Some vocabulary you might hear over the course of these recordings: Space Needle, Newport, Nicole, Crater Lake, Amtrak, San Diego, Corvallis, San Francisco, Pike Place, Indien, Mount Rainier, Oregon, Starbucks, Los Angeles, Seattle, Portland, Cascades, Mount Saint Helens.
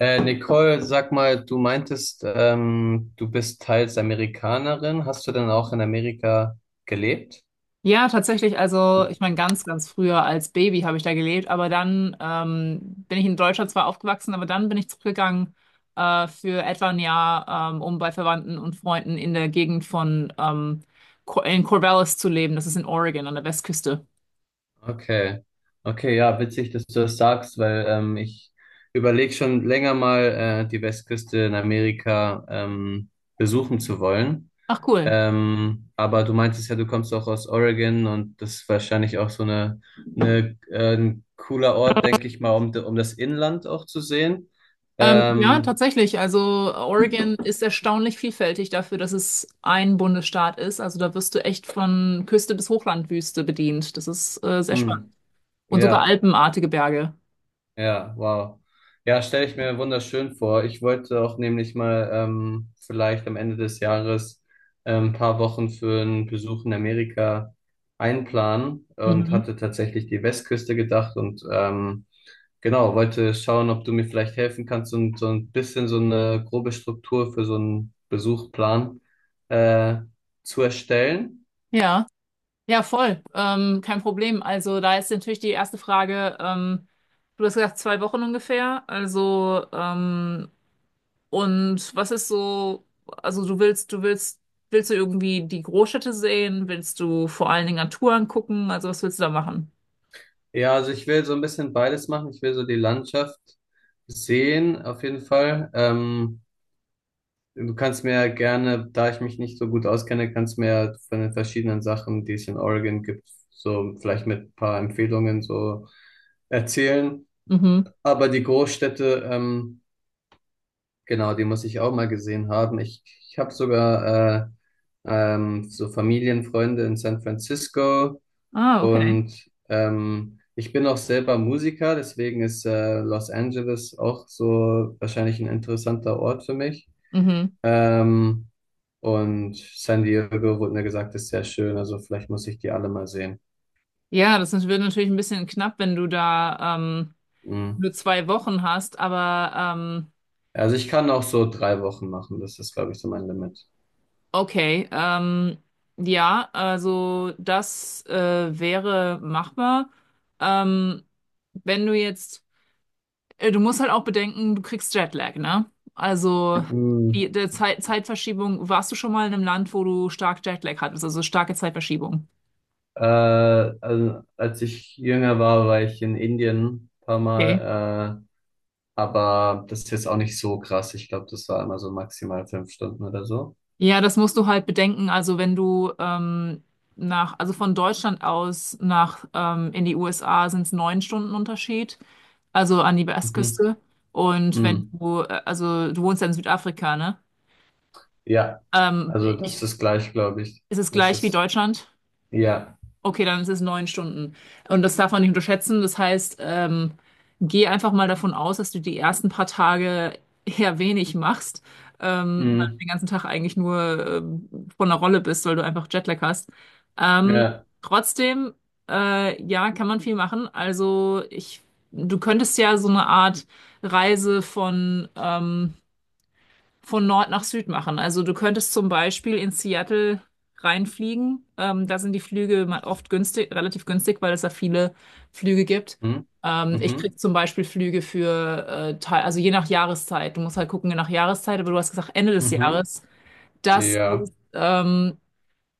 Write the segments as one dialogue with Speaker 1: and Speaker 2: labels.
Speaker 1: Nicole, sag mal, du meintest, du bist teils Amerikanerin. Hast du denn auch in Amerika gelebt?
Speaker 2: Ja, tatsächlich. Also, ich meine, ganz, ganz früher als Baby habe ich da gelebt, aber dann bin ich in Deutschland zwar aufgewachsen, aber dann bin ich zurückgegangen für etwa ein Jahr, um bei Verwandten und Freunden in der Gegend von in Corvallis zu leben. Das ist in Oregon an der Westküste.
Speaker 1: Okay. Okay, ja, witzig, dass du das sagst, weil ich überlege schon länger mal, die Westküste in Amerika besuchen zu wollen.
Speaker 2: Ach, cool.
Speaker 1: Aber du meintest ja, du kommst auch aus Oregon und das ist wahrscheinlich auch so eine, ein cooler Ort, denke ich mal, um, um das Inland auch zu sehen.
Speaker 2: Ja,
Speaker 1: Ähm,
Speaker 2: tatsächlich. Also, Oregon ist erstaunlich vielfältig dafür, dass es ein Bundesstaat ist. Also, da wirst du echt von Küste bis Hochlandwüste bedient. Das ist sehr spannend.
Speaker 1: hm.
Speaker 2: Und sogar
Speaker 1: Ja,
Speaker 2: alpenartige Berge.
Speaker 1: ja, wow. Ja, stelle ich mir wunderschön vor. Ich wollte auch nämlich mal vielleicht am Ende des Jahres ein paar Wochen für einen Besuch in Amerika einplanen und
Speaker 2: Mhm.
Speaker 1: hatte tatsächlich die Westküste gedacht und genau, wollte schauen, ob du mir vielleicht helfen kannst und so ein bisschen so eine grobe Struktur für so einen Besuchplan äh, zu erstellen.
Speaker 2: Ja, ja, voll. Kein Problem. Also da ist natürlich die erste Frage. Du hast gesagt, 2 Wochen ungefähr. Und was ist so, also du willst, du willst, willst du irgendwie die Großstädte sehen? Willst du vor allen Dingen Natur angucken? Also was willst du da machen?
Speaker 1: Ja, also ich will so ein bisschen beides machen. Ich will so die Landschaft sehen, auf jeden Fall. Du kannst mir ja gerne, da ich mich nicht so gut auskenne, kannst mir ja von den verschiedenen Sachen, die es in Oregon gibt, so vielleicht mit ein paar Empfehlungen so erzählen.
Speaker 2: Mhm.
Speaker 1: Aber die Großstädte, genau, die muss ich auch mal gesehen haben. Ich habe sogar so Familienfreunde in San Francisco.
Speaker 2: Ah, okay.
Speaker 1: Und ich bin auch selber Musiker, deswegen ist Los Angeles auch so wahrscheinlich ein interessanter Ort für mich.
Speaker 2: Mhm.
Speaker 1: Ähm, und San Diego wurde mir gesagt, ist sehr schön, also vielleicht muss ich die alle mal sehen.
Speaker 2: Ja, das wird natürlich ein bisschen knapp, wenn du da
Speaker 1: Mhm.
Speaker 2: nur 2 Wochen hast, aber
Speaker 1: Also ich kann auch so 3 Wochen machen, das ist, glaube ich, so mein Limit.
Speaker 2: okay. Ja, also das wäre machbar. Ähm, wenn du jetzt, du musst halt auch bedenken, du kriegst Jetlag, ne? Also
Speaker 1: Mhm.
Speaker 2: der Zeitverschiebung, warst du schon mal in einem Land, wo du stark Jetlag hattest, also starke Zeitverschiebung?
Speaker 1: Also als ich jünger war, war ich in Indien ein paar
Speaker 2: Okay.
Speaker 1: Mal, aber das ist jetzt auch nicht so krass. Ich glaube, das war immer so maximal 5 Stunden oder so.
Speaker 2: Ja, das musst du halt bedenken. Also wenn du also von Deutschland aus nach in die USA sind es 9 Stunden Unterschied, also an die
Speaker 1: Mhm.
Speaker 2: Westküste. Und wenn
Speaker 1: Mhm.
Speaker 2: du also du wohnst ja in Südafrika, ne?
Speaker 1: Ja,
Speaker 2: Ähm,
Speaker 1: also das
Speaker 2: ich,
Speaker 1: ist gleich, glaube ich.
Speaker 2: ist es
Speaker 1: Das
Speaker 2: gleich wie
Speaker 1: ist,
Speaker 2: Deutschland?
Speaker 1: ja.
Speaker 2: Okay, dann ist es 9 Stunden. Und das darf man nicht unterschätzen. Das heißt, geh einfach mal davon aus, dass du die ersten paar Tage eher wenig machst, weil du
Speaker 1: Mhm.
Speaker 2: den ganzen Tag eigentlich nur von der Rolle bist, weil du einfach Jetlag hast. Ähm,
Speaker 1: Ja.
Speaker 2: trotzdem, ja, kann man viel machen. Du könntest ja so eine Art Reise von Nord nach Süd machen. Also du könntest zum Beispiel in Seattle reinfliegen. Da sind die Flüge oft günstig, relativ günstig, weil es da viele Flüge gibt.
Speaker 1: Mhm.
Speaker 2: Ich krieg
Speaker 1: Mhm.
Speaker 2: zum Beispiel Flüge für, Teil- also je nach Jahreszeit. Du musst halt gucken, je nach Jahreszeit, aber du hast gesagt Ende des
Speaker 1: Mhm.
Speaker 2: Jahres. Das
Speaker 1: Ja.
Speaker 2: ist ähm,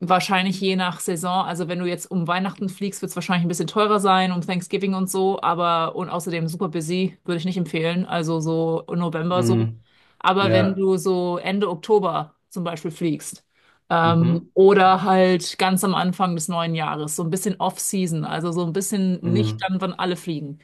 Speaker 2: Wahrscheinlich je nach Saison. Also wenn du jetzt um Weihnachten fliegst, wird es wahrscheinlich ein bisschen teurer sein, um Thanksgiving und so, aber und außerdem super busy, würde ich nicht empfehlen. Also so November so.
Speaker 1: Mhm.
Speaker 2: Aber wenn
Speaker 1: Ja.
Speaker 2: du so Ende Oktober zum Beispiel fliegst,
Speaker 1: Mhm.
Speaker 2: oder halt ganz am Anfang des neuen Jahres, so ein bisschen Off-Season, also so ein bisschen nicht
Speaker 1: Mhm.
Speaker 2: dann, wann alle fliegen,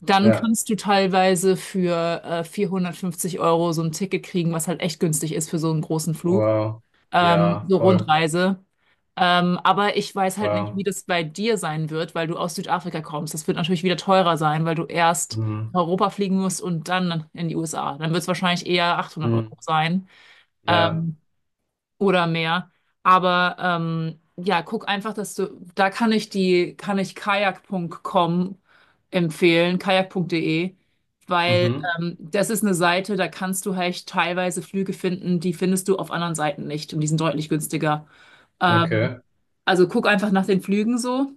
Speaker 2: dann
Speaker 1: Ja.
Speaker 2: kannst du teilweise für 450 € so ein Ticket kriegen, was halt echt günstig ist für so einen großen Flug.
Speaker 1: Wow. Ja,
Speaker 2: So
Speaker 1: voll.
Speaker 2: Rundreise. Aber ich weiß halt nicht, wie
Speaker 1: Wow.
Speaker 2: das bei dir sein wird, weil du aus Südafrika kommst. Das wird natürlich wieder teurer sein, weil du erst
Speaker 1: Mhm.
Speaker 2: nach Europa fliegen musst und dann in die USA. Dann wird es wahrscheinlich eher 800
Speaker 1: Mhm.
Speaker 2: Euro sein.
Speaker 1: Ja.
Speaker 2: Ähm, oder mehr. Aber ja, guck einfach, dass du, da kann ich kann ich kajak.com empfehlen, kajak.de, weil
Speaker 1: Mhm.
Speaker 2: das ist eine Seite, da kannst du halt teilweise Flüge finden, die findest du auf anderen Seiten nicht und die sind deutlich günstiger. Ähm,
Speaker 1: Okay.
Speaker 2: also guck einfach nach den Flügen so.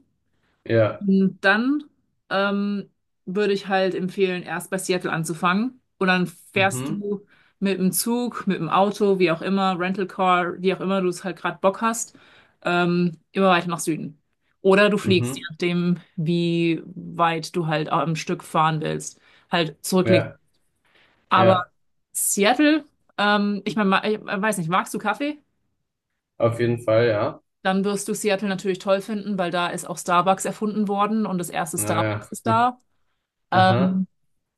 Speaker 1: Ja.
Speaker 2: Und dann ähm, würde ich halt empfehlen, erst bei Seattle anzufangen. Und dann fährst
Speaker 1: Mhm.
Speaker 2: du mit dem Zug, mit dem Auto, wie auch immer, Rental Car, wie auch immer du es halt gerade Bock hast, immer weiter nach Süden. Oder du fliegst, je
Speaker 1: Mhm.
Speaker 2: nachdem, wie weit du halt am Stück fahren willst, halt zurücklegen.
Speaker 1: Ja.
Speaker 2: Aber
Speaker 1: Ja.
Speaker 2: Seattle, ich meine, ich weiß nicht, magst du Kaffee?
Speaker 1: Auf jeden Fall, ja.
Speaker 2: Dann wirst du Seattle natürlich toll finden, weil da ist auch Starbucks erfunden worden und das erste
Speaker 1: Naja.
Speaker 2: Starbucks ist
Speaker 1: Hm.
Speaker 2: da.
Speaker 1: Aha.
Speaker 2: Ähm,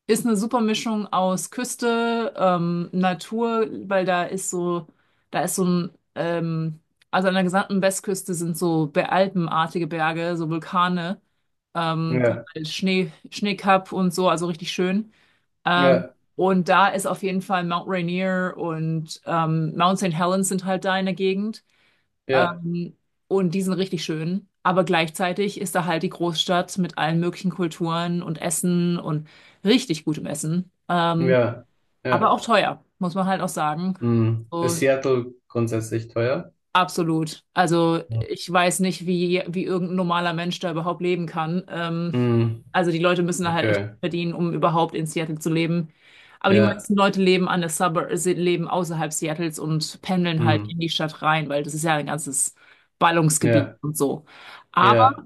Speaker 2: Ist eine super Mischung aus Küste, Natur, weil da ist so ein, also an der gesamten Westküste sind so alpenartige Berge, so Vulkane, die
Speaker 1: Ja.
Speaker 2: halt Schnee, Schneekapp und so, also richtig schön. Ähm,
Speaker 1: Ja.
Speaker 2: und da ist auf jeden Fall Mount Rainier und Mount Saint Helens sind halt da in der Gegend.
Speaker 1: Ja.
Speaker 2: Ähm, und die sind richtig schön. Aber gleichzeitig ist da halt die Großstadt mit allen möglichen Kulturen und Essen und richtig gutem Essen.
Speaker 1: Ja.
Speaker 2: Aber
Speaker 1: Ja.
Speaker 2: auch teuer, muss man halt auch sagen.
Speaker 1: Hm.
Speaker 2: So,
Speaker 1: Ist Seattle grundsätzlich teuer?
Speaker 2: absolut. Also
Speaker 1: Ja.
Speaker 2: ich weiß nicht, wie irgendein normaler Mensch da überhaupt leben kann.
Speaker 1: Hm.
Speaker 2: Also die Leute müssen da halt echt
Speaker 1: Okay.
Speaker 2: verdienen, um überhaupt in Seattle zu leben. Aber die
Speaker 1: Ja.
Speaker 2: meisten Leute leben an der Suburb, leben außerhalb Seattles und pendeln halt
Speaker 1: Hm.
Speaker 2: in die Stadt rein, weil das ist ja ein ganzes Ballungsgebiet
Speaker 1: Ja.
Speaker 2: und so. Aber
Speaker 1: Ja.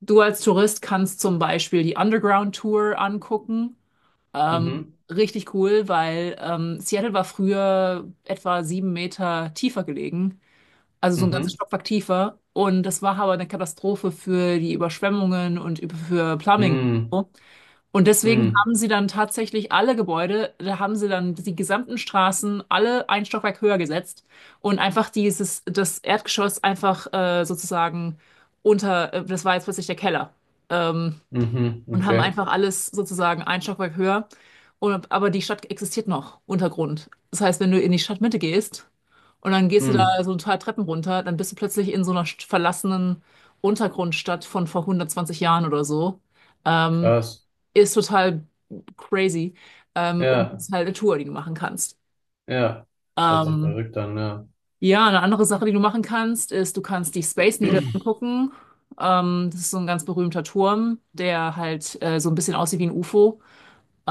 Speaker 2: du als Tourist kannst zum Beispiel die Underground Tour angucken. Ähm,
Speaker 1: Mhm.
Speaker 2: richtig cool, weil Seattle war früher etwa 7 Meter tiefer gelegen, also so ein ganzes
Speaker 1: Mhm.
Speaker 2: Stockwerk tiefer. Und das war aber eine Katastrophe für die Überschwemmungen und für Plumbing.
Speaker 1: Hm.
Speaker 2: Und deswegen
Speaker 1: Hm.
Speaker 2: haben sie dann tatsächlich alle Gebäude, da haben sie dann die gesamten Straßen alle ein Stockwerk höher gesetzt und das Erdgeschoss einfach sozusagen das war jetzt plötzlich der Keller. Ähm,
Speaker 1: Mhm.
Speaker 2: und haben
Speaker 1: Okay.
Speaker 2: einfach alles sozusagen ein Stockwerk höher. Und aber die Stadt existiert noch, Untergrund. Das heißt, wenn du in die Stadtmitte gehst und dann gehst du
Speaker 1: Hm.
Speaker 2: da so ein paar Treppen runter, dann bist du plötzlich in so einer verlassenen Untergrundstadt von vor 120 Jahren oder so. Ähm,
Speaker 1: Krass.
Speaker 2: ist total crazy. Und
Speaker 1: Ja.
Speaker 2: ist halt eine Tour, die du machen kannst.
Speaker 1: Ja. Das hört sich
Speaker 2: Ähm,
Speaker 1: verrückt an, ja.
Speaker 2: ja, eine andere Sache, die du machen kannst, ist, du kannst die Space Needle angucken. Das ist so ein ganz berühmter Turm, der halt so ein bisschen aussieht wie ein UFO.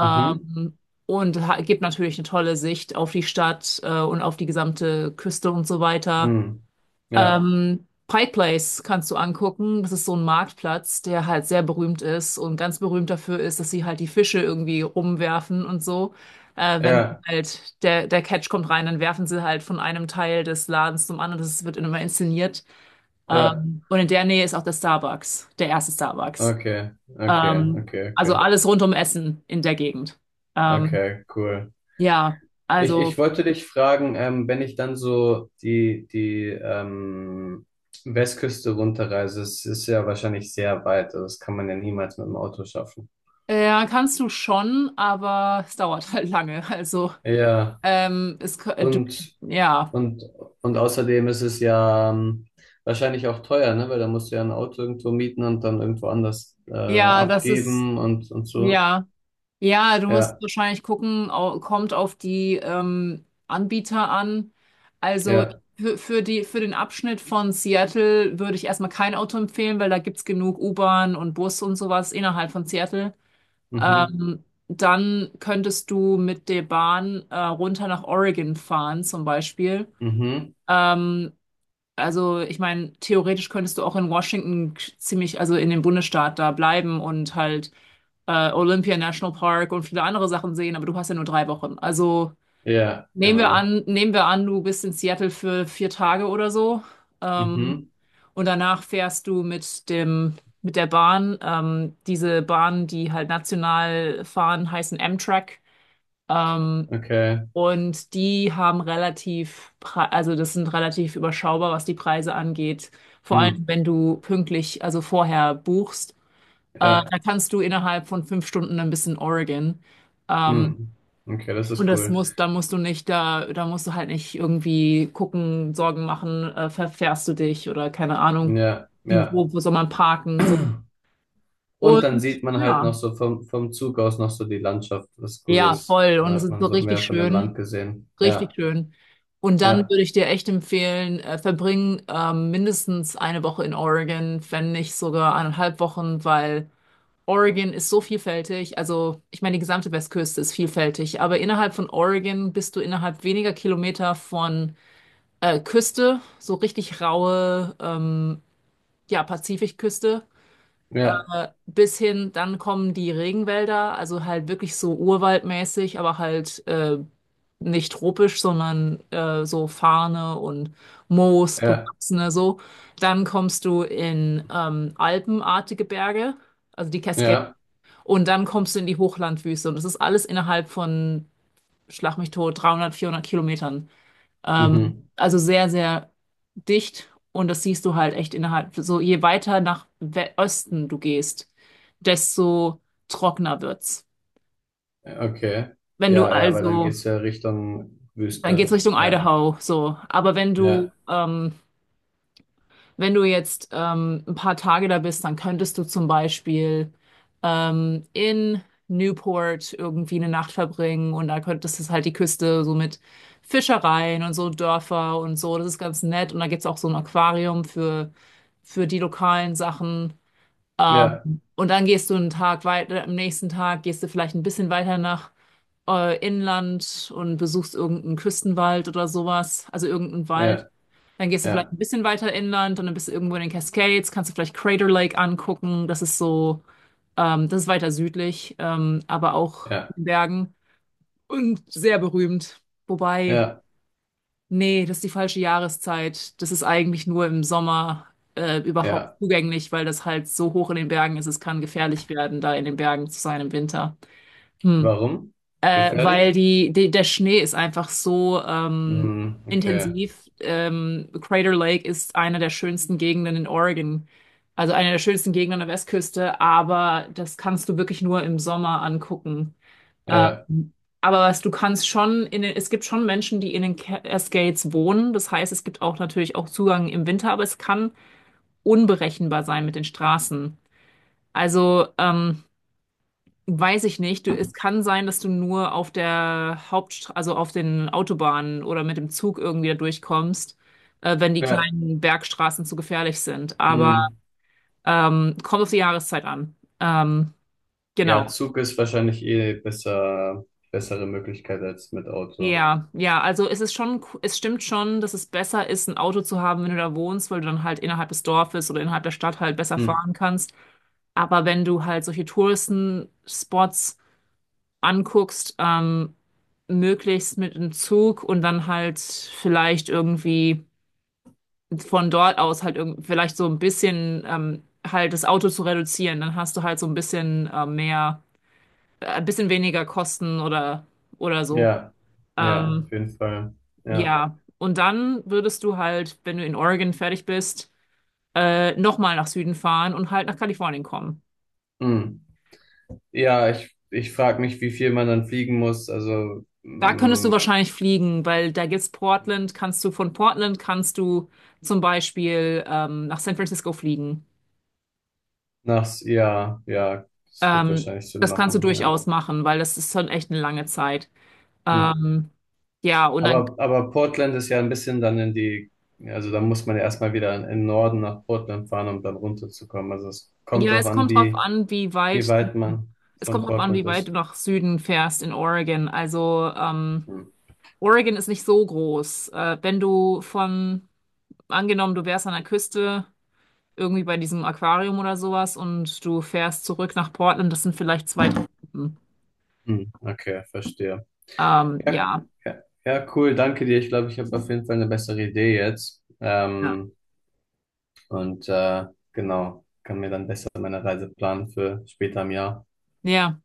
Speaker 1: Mhm.
Speaker 2: gibt natürlich eine tolle Sicht auf die Stadt und auf die gesamte Küste und so weiter.
Speaker 1: Hm. Ja.
Speaker 2: Pike Place kannst du angucken. Das ist so ein Marktplatz, der halt sehr berühmt ist und ganz berühmt dafür ist, dass sie halt die Fische irgendwie rumwerfen und so. Wenn
Speaker 1: Ja.
Speaker 2: halt der Catch kommt rein, dann werfen sie halt von einem Teil des Ladens zum anderen. Das wird immer inszeniert.
Speaker 1: Ja.
Speaker 2: Und in der Nähe ist auch der Starbucks, der erste Starbucks.
Speaker 1: Okay. Okay. Okay.
Speaker 2: Also
Speaker 1: Okay.
Speaker 2: alles rund um Essen in der Gegend. Ähm,
Speaker 1: Okay. Cool.
Speaker 2: ja,
Speaker 1: Ich
Speaker 2: also
Speaker 1: wollte dich fragen, wenn ich dann so die Westküste runterreise, es ist ja wahrscheinlich sehr weit, also das kann man ja niemals mit dem Auto schaffen.
Speaker 2: kannst du schon, aber es dauert halt lange. Also
Speaker 1: Ja,
Speaker 2: ähm, es, kö- du,
Speaker 1: und,
Speaker 2: ja,
Speaker 1: und, und außerdem ist es ja wahrscheinlich auch teuer, ne? Weil da musst du ja ein Auto irgendwo mieten und dann irgendwo anders
Speaker 2: ja, das ist
Speaker 1: abgeben und so.
Speaker 2: ja, ja, du musst
Speaker 1: Ja,
Speaker 2: wahrscheinlich gucken, kommt auf die Anbieter an. Also
Speaker 1: ja,
Speaker 2: für den Abschnitt von Seattle würde ich erstmal kein Auto empfehlen, weil da gibt's genug U-Bahn und Bus und sowas innerhalb von Seattle.
Speaker 1: mhm,
Speaker 2: Dann könntest du mit der Bahn runter nach Oregon fahren, zum Beispiel.
Speaker 1: mhm,
Speaker 2: Ähm, also ich meine, theoretisch könntest du auch in Washington ziemlich, also in dem Bundesstaat da bleiben und halt Olympia National Park und viele andere Sachen sehen, aber du hast ja nur 3 Wochen. Also
Speaker 1: ja, genau,
Speaker 2: nehmen wir an, du bist in Seattle für 4 Tage oder so. Ähm,
Speaker 1: mhm,
Speaker 2: und danach fährst du mit der Bahn. Diese Bahnen, die halt national fahren, heißen Amtrak. Ähm,
Speaker 1: okay,
Speaker 2: und die haben also das sind relativ überschaubar, was die Preise angeht. Vor allem,
Speaker 1: mhm,
Speaker 2: wenn du pünktlich, also vorher buchst,
Speaker 1: ja,
Speaker 2: da kannst du innerhalb von 5 Stunden ein bisschen Oregon. Ähm,
Speaker 1: mhm, okay, das
Speaker 2: und
Speaker 1: ist
Speaker 2: das
Speaker 1: cool.
Speaker 2: da musst du nicht, da musst du halt nicht irgendwie gucken, Sorgen machen, verfährst du dich oder keine Ahnung,
Speaker 1: Ja, ja.
Speaker 2: wo soll man parken, so.
Speaker 1: Und dann
Speaker 2: Und
Speaker 1: sieht man halt
Speaker 2: ja,
Speaker 1: noch so vom, vom Zug aus noch so die Landschaft, was cool
Speaker 2: ja,
Speaker 1: ist.
Speaker 2: voll.
Speaker 1: Dann
Speaker 2: Und es
Speaker 1: hat
Speaker 2: ist
Speaker 1: man
Speaker 2: so
Speaker 1: so
Speaker 2: richtig
Speaker 1: mehr von dem
Speaker 2: schön.
Speaker 1: Land gesehen.
Speaker 2: Richtig
Speaker 1: Ja,
Speaker 2: schön. Und dann
Speaker 1: ja,
Speaker 2: würde ich dir echt empfehlen, verbring mindestens eine Woche in Oregon, wenn nicht sogar eineinhalb Wochen, weil Oregon ist so vielfältig. Also, ich meine, die gesamte Westküste ist vielfältig, aber innerhalb von Oregon bist du innerhalb weniger Kilometer von Küste, so richtig raue, ja, Pazifikküste
Speaker 1: ja,
Speaker 2: bis hin, dann kommen die Regenwälder, also halt wirklich so urwaldmäßig, aber halt nicht tropisch, sondern so Farne und Moos,
Speaker 1: ja,
Speaker 2: bewachsene so. Dann kommst du in alpenartige Berge, also die Cascades,
Speaker 1: ja.
Speaker 2: und dann kommst du in die Hochlandwüste. Und das ist alles innerhalb von, schlag mich tot, 300, 400 Kilometern.
Speaker 1: Mhm.
Speaker 2: Also sehr, sehr dicht und das siehst du halt echt innerhalb. So je weiter nach We Osten du gehst, desto trockener wird's.
Speaker 1: Okay.
Speaker 2: Wenn du
Speaker 1: Ja, ja, weil dann
Speaker 2: also,
Speaker 1: geht's ja Richtung
Speaker 2: dann geht's
Speaker 1: Wüste.
Speaker 2: Richtung
Speaker 1: Ja,
Speaker 2: Idaho, so. Aber wenn du
Speaker 1: ja,
Speaker 2: wenn du jetzt ein paar Tage da bist, dann könntest du zum Beispiel in Newport irgendwie eine Nacht verbringen und da könntest du halt die Küste so mit Fischereien und so Dörfer und so. Das ist ganz nett. Und da gibt's auch so ein Aquarium für die lokalen Sachen. Ähm,
Speaker 1: ja,
Speaker 2: und dann gehst du einen Tag weiter, am nächsten Tag gehst du vielleicht ein bisschen weiter nach Inland und besuchst irgendeinen Küstenwald oder sowas, also irgendeinen Wald.
Speaker 1: ja,
Speaker 2: Dann gehst du vielleicht
Speaker 1: ja,
Speaker 2: ein bisschen weiter inland und dann bist du irgendwo in den Cascades, kannst du vielleicht Crater Lake angucken. Das ist so, das ist weiter südlich, aber auch in
Speaker 1: ja,
Speaker 2: den Bergen und sehr berühmt. Wobei,
Speaker 1: ja,
Speaker 2: nee, das ist die falsche Jahreszeit. Das ist eigentlich nur im Sommer überhaupt
Speaker 1: ja.
Speaker 2: zugänglich, weil das halt so hoch in den Bergen ist. Es kann gefährlich werden, da in den Bergen zu sein im Winter. Hm.
Speaker 1: Warum?
Speaker 2: Weil
Speaker 1: Gefährlich?
Speaker 2: der Schnee ist einfach so
Speaker 1: Mhm, okay.
Speaker 2: intensiv. Crater Lake ist eine der schönsten Gegenden in Oregon, also eine der schönsten Gegenden an der Westküste, aber das kannst du wirklich nur im Sommer angucken.
Speaker 1: Ja,
Speaker 2: Ähm, aber was du kannst schon in den, es gibt schon Menschen, die in den Cascades wohnen. Das heißt, es gibt auch natürlich auch Zugang im Winter, aber es kann unberechenbar sein mit den Straßen. Also weiß ich nicht. Du, es kann sein, dass du nur auf der Hauptstraße, also auf den Autobahnen oder mit dem Zug irgendwie da durchkommst, wenn die
Speaker 1: ja,
Speaker 2: kleinen Bergstraßen zu gefährlich sind. Aber
Speaker 1: mhm.
Speaker 2: kommt auf die Jahreszeit an. Ähm,
Speaker 1: Ja,
Speaker 2: genau.
Speaker 1: Zug ist wahrscheinlich eh besser, bessere Möglichkeit als mit Auto.
Speaker 2: Ja, ja, also es ist schon, es stimmt schon, dass es besser ist, ein Auto zu haben, wenn du da wohnst, weil du dann halt innerhalb des Dorfes oder innerhalb der Stadt halt besser
Speaker 1: Hm.
Speaker 2: fahren kannst. Aber wenn du halt solche Touristenspots anguckst, möglichst mit dem Zug und dann halt vielleicht irgendwie von dort aus halt irgend vielleicht so ein bisschen halt das Auto zu reduzieren. Dann hast du halt so ein bisschen mehr, ein bisschen weniger Kosten oder so.
Speaker 1: Ja, ja,
Speaker 2: Ähm,
Speaker 1: auf jeden Fall. Ja,
Speaker 2: ja, und dann würdest du halt, wenn du in Oregon fertig bist, nochmal nach Süden fahren und halt nach Kalifornien kommen.
Speaker 1: hm. Ja, ich frage mich, wie viel man dann fliegen muss. Also,
Speaker 2: Da könntest du
Speaker 1: hm,
Speaker 2: wahrscheinlich fliegen, weil da gibt's Portland, kannst du von Portland kannst du zum Beispiel nach San Francisco fliegen.
Speaker 1: nachts, ja, ja, das wird
Speaker 2: Ähm,
Speaker 1: wahrscheinlich Sinn
Speaker 2: Das kannst du
Speaker 1: machen. Ja.
Speaker 2: durchaus machen, weil das ist schon echt eine lange Zeit.
Speaker 1: Hm.
Speaker 2: Ähm, ja, und dann,
Speaker 1: Aber Portland ist ja ein bisschen dann in die, also da muss man ja erstmal wieder in den Norden nach Portland fahren, um dann runterzukommen. Also, es kommt
Speaker 2: ja,
Speaker 1: drauf
Speaker 2: es
Speaker 1: an,
Speaker 2: kommt drauf an, wie
Speaker 1: wie
Speaker 2: weit du,
Speaker 1: weit man
Speaker 2: es kommt
Speaker 1: von
Speaker 2: drauf an,
Speaker 1: Portland
Speaker 2: wie weit du
Speaker 1: ist.
Speaker 2: nach Süden fährst in Oregon. Also,
Speaker 1: Hm.
Speaker 2: Oregon ist nicht so groß. Wenn du von, angenommen, du wärst an der Küste irgendwie bei diesem Aquarium oder sowas und du fährst zurück nach Portland. Das sind vielleicht zwei, drei Stunden.
Speaker 1: Hm. Okay, verstehe. Ja,
Speaker 2: Ja,
Speaker 1: ja, ja, cool, danke dir. Ich glaube, ich habe auf jeden Fall eine bessere Idee jetzt.
Speaker 2: ja,
Speaker 1: Und genau, kann mir dann besser meine Reise planen für später im Jahr.
Speaker 2: ja,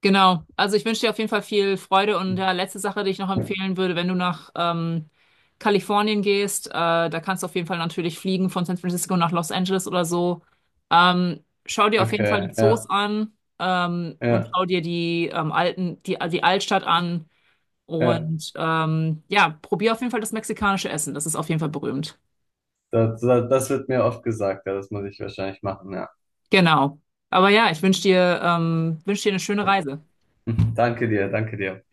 Speaker 2: genau. Also ich wünsche dir auf jeden Fall viel Freude und ja, letzte Sache, die ich noch empfehlen würde, wenn du nach Kalifornien gehst, da kannst du auf jeden Fall natürlich fliegen von San Francisco nach Los Angeles oder so. Schau dir auf jeden Fall die
Speaker 1: Okay,
Speaker 2: Zoos
Speaker 1: ja,
Speaker 2: an und
Speaker 1: ja,
Speaker 2: schau dir die alten, die Altstadt an.
Speaker 1: ja.
Speaker 2: Und ja, probier auf jeden Fall das mexikanische Essen. Das ist auf jeden Fall berühmt.
Speaker 1: Das wird mir oft gesagt, ja, das muss ich wahrscheinlich machen, ja.
Speaker 2: Genau. Aber ja, ich wünsche dir, wünsch dir eine schöne Reise.
Speaker 1: Danke dir, danke dir.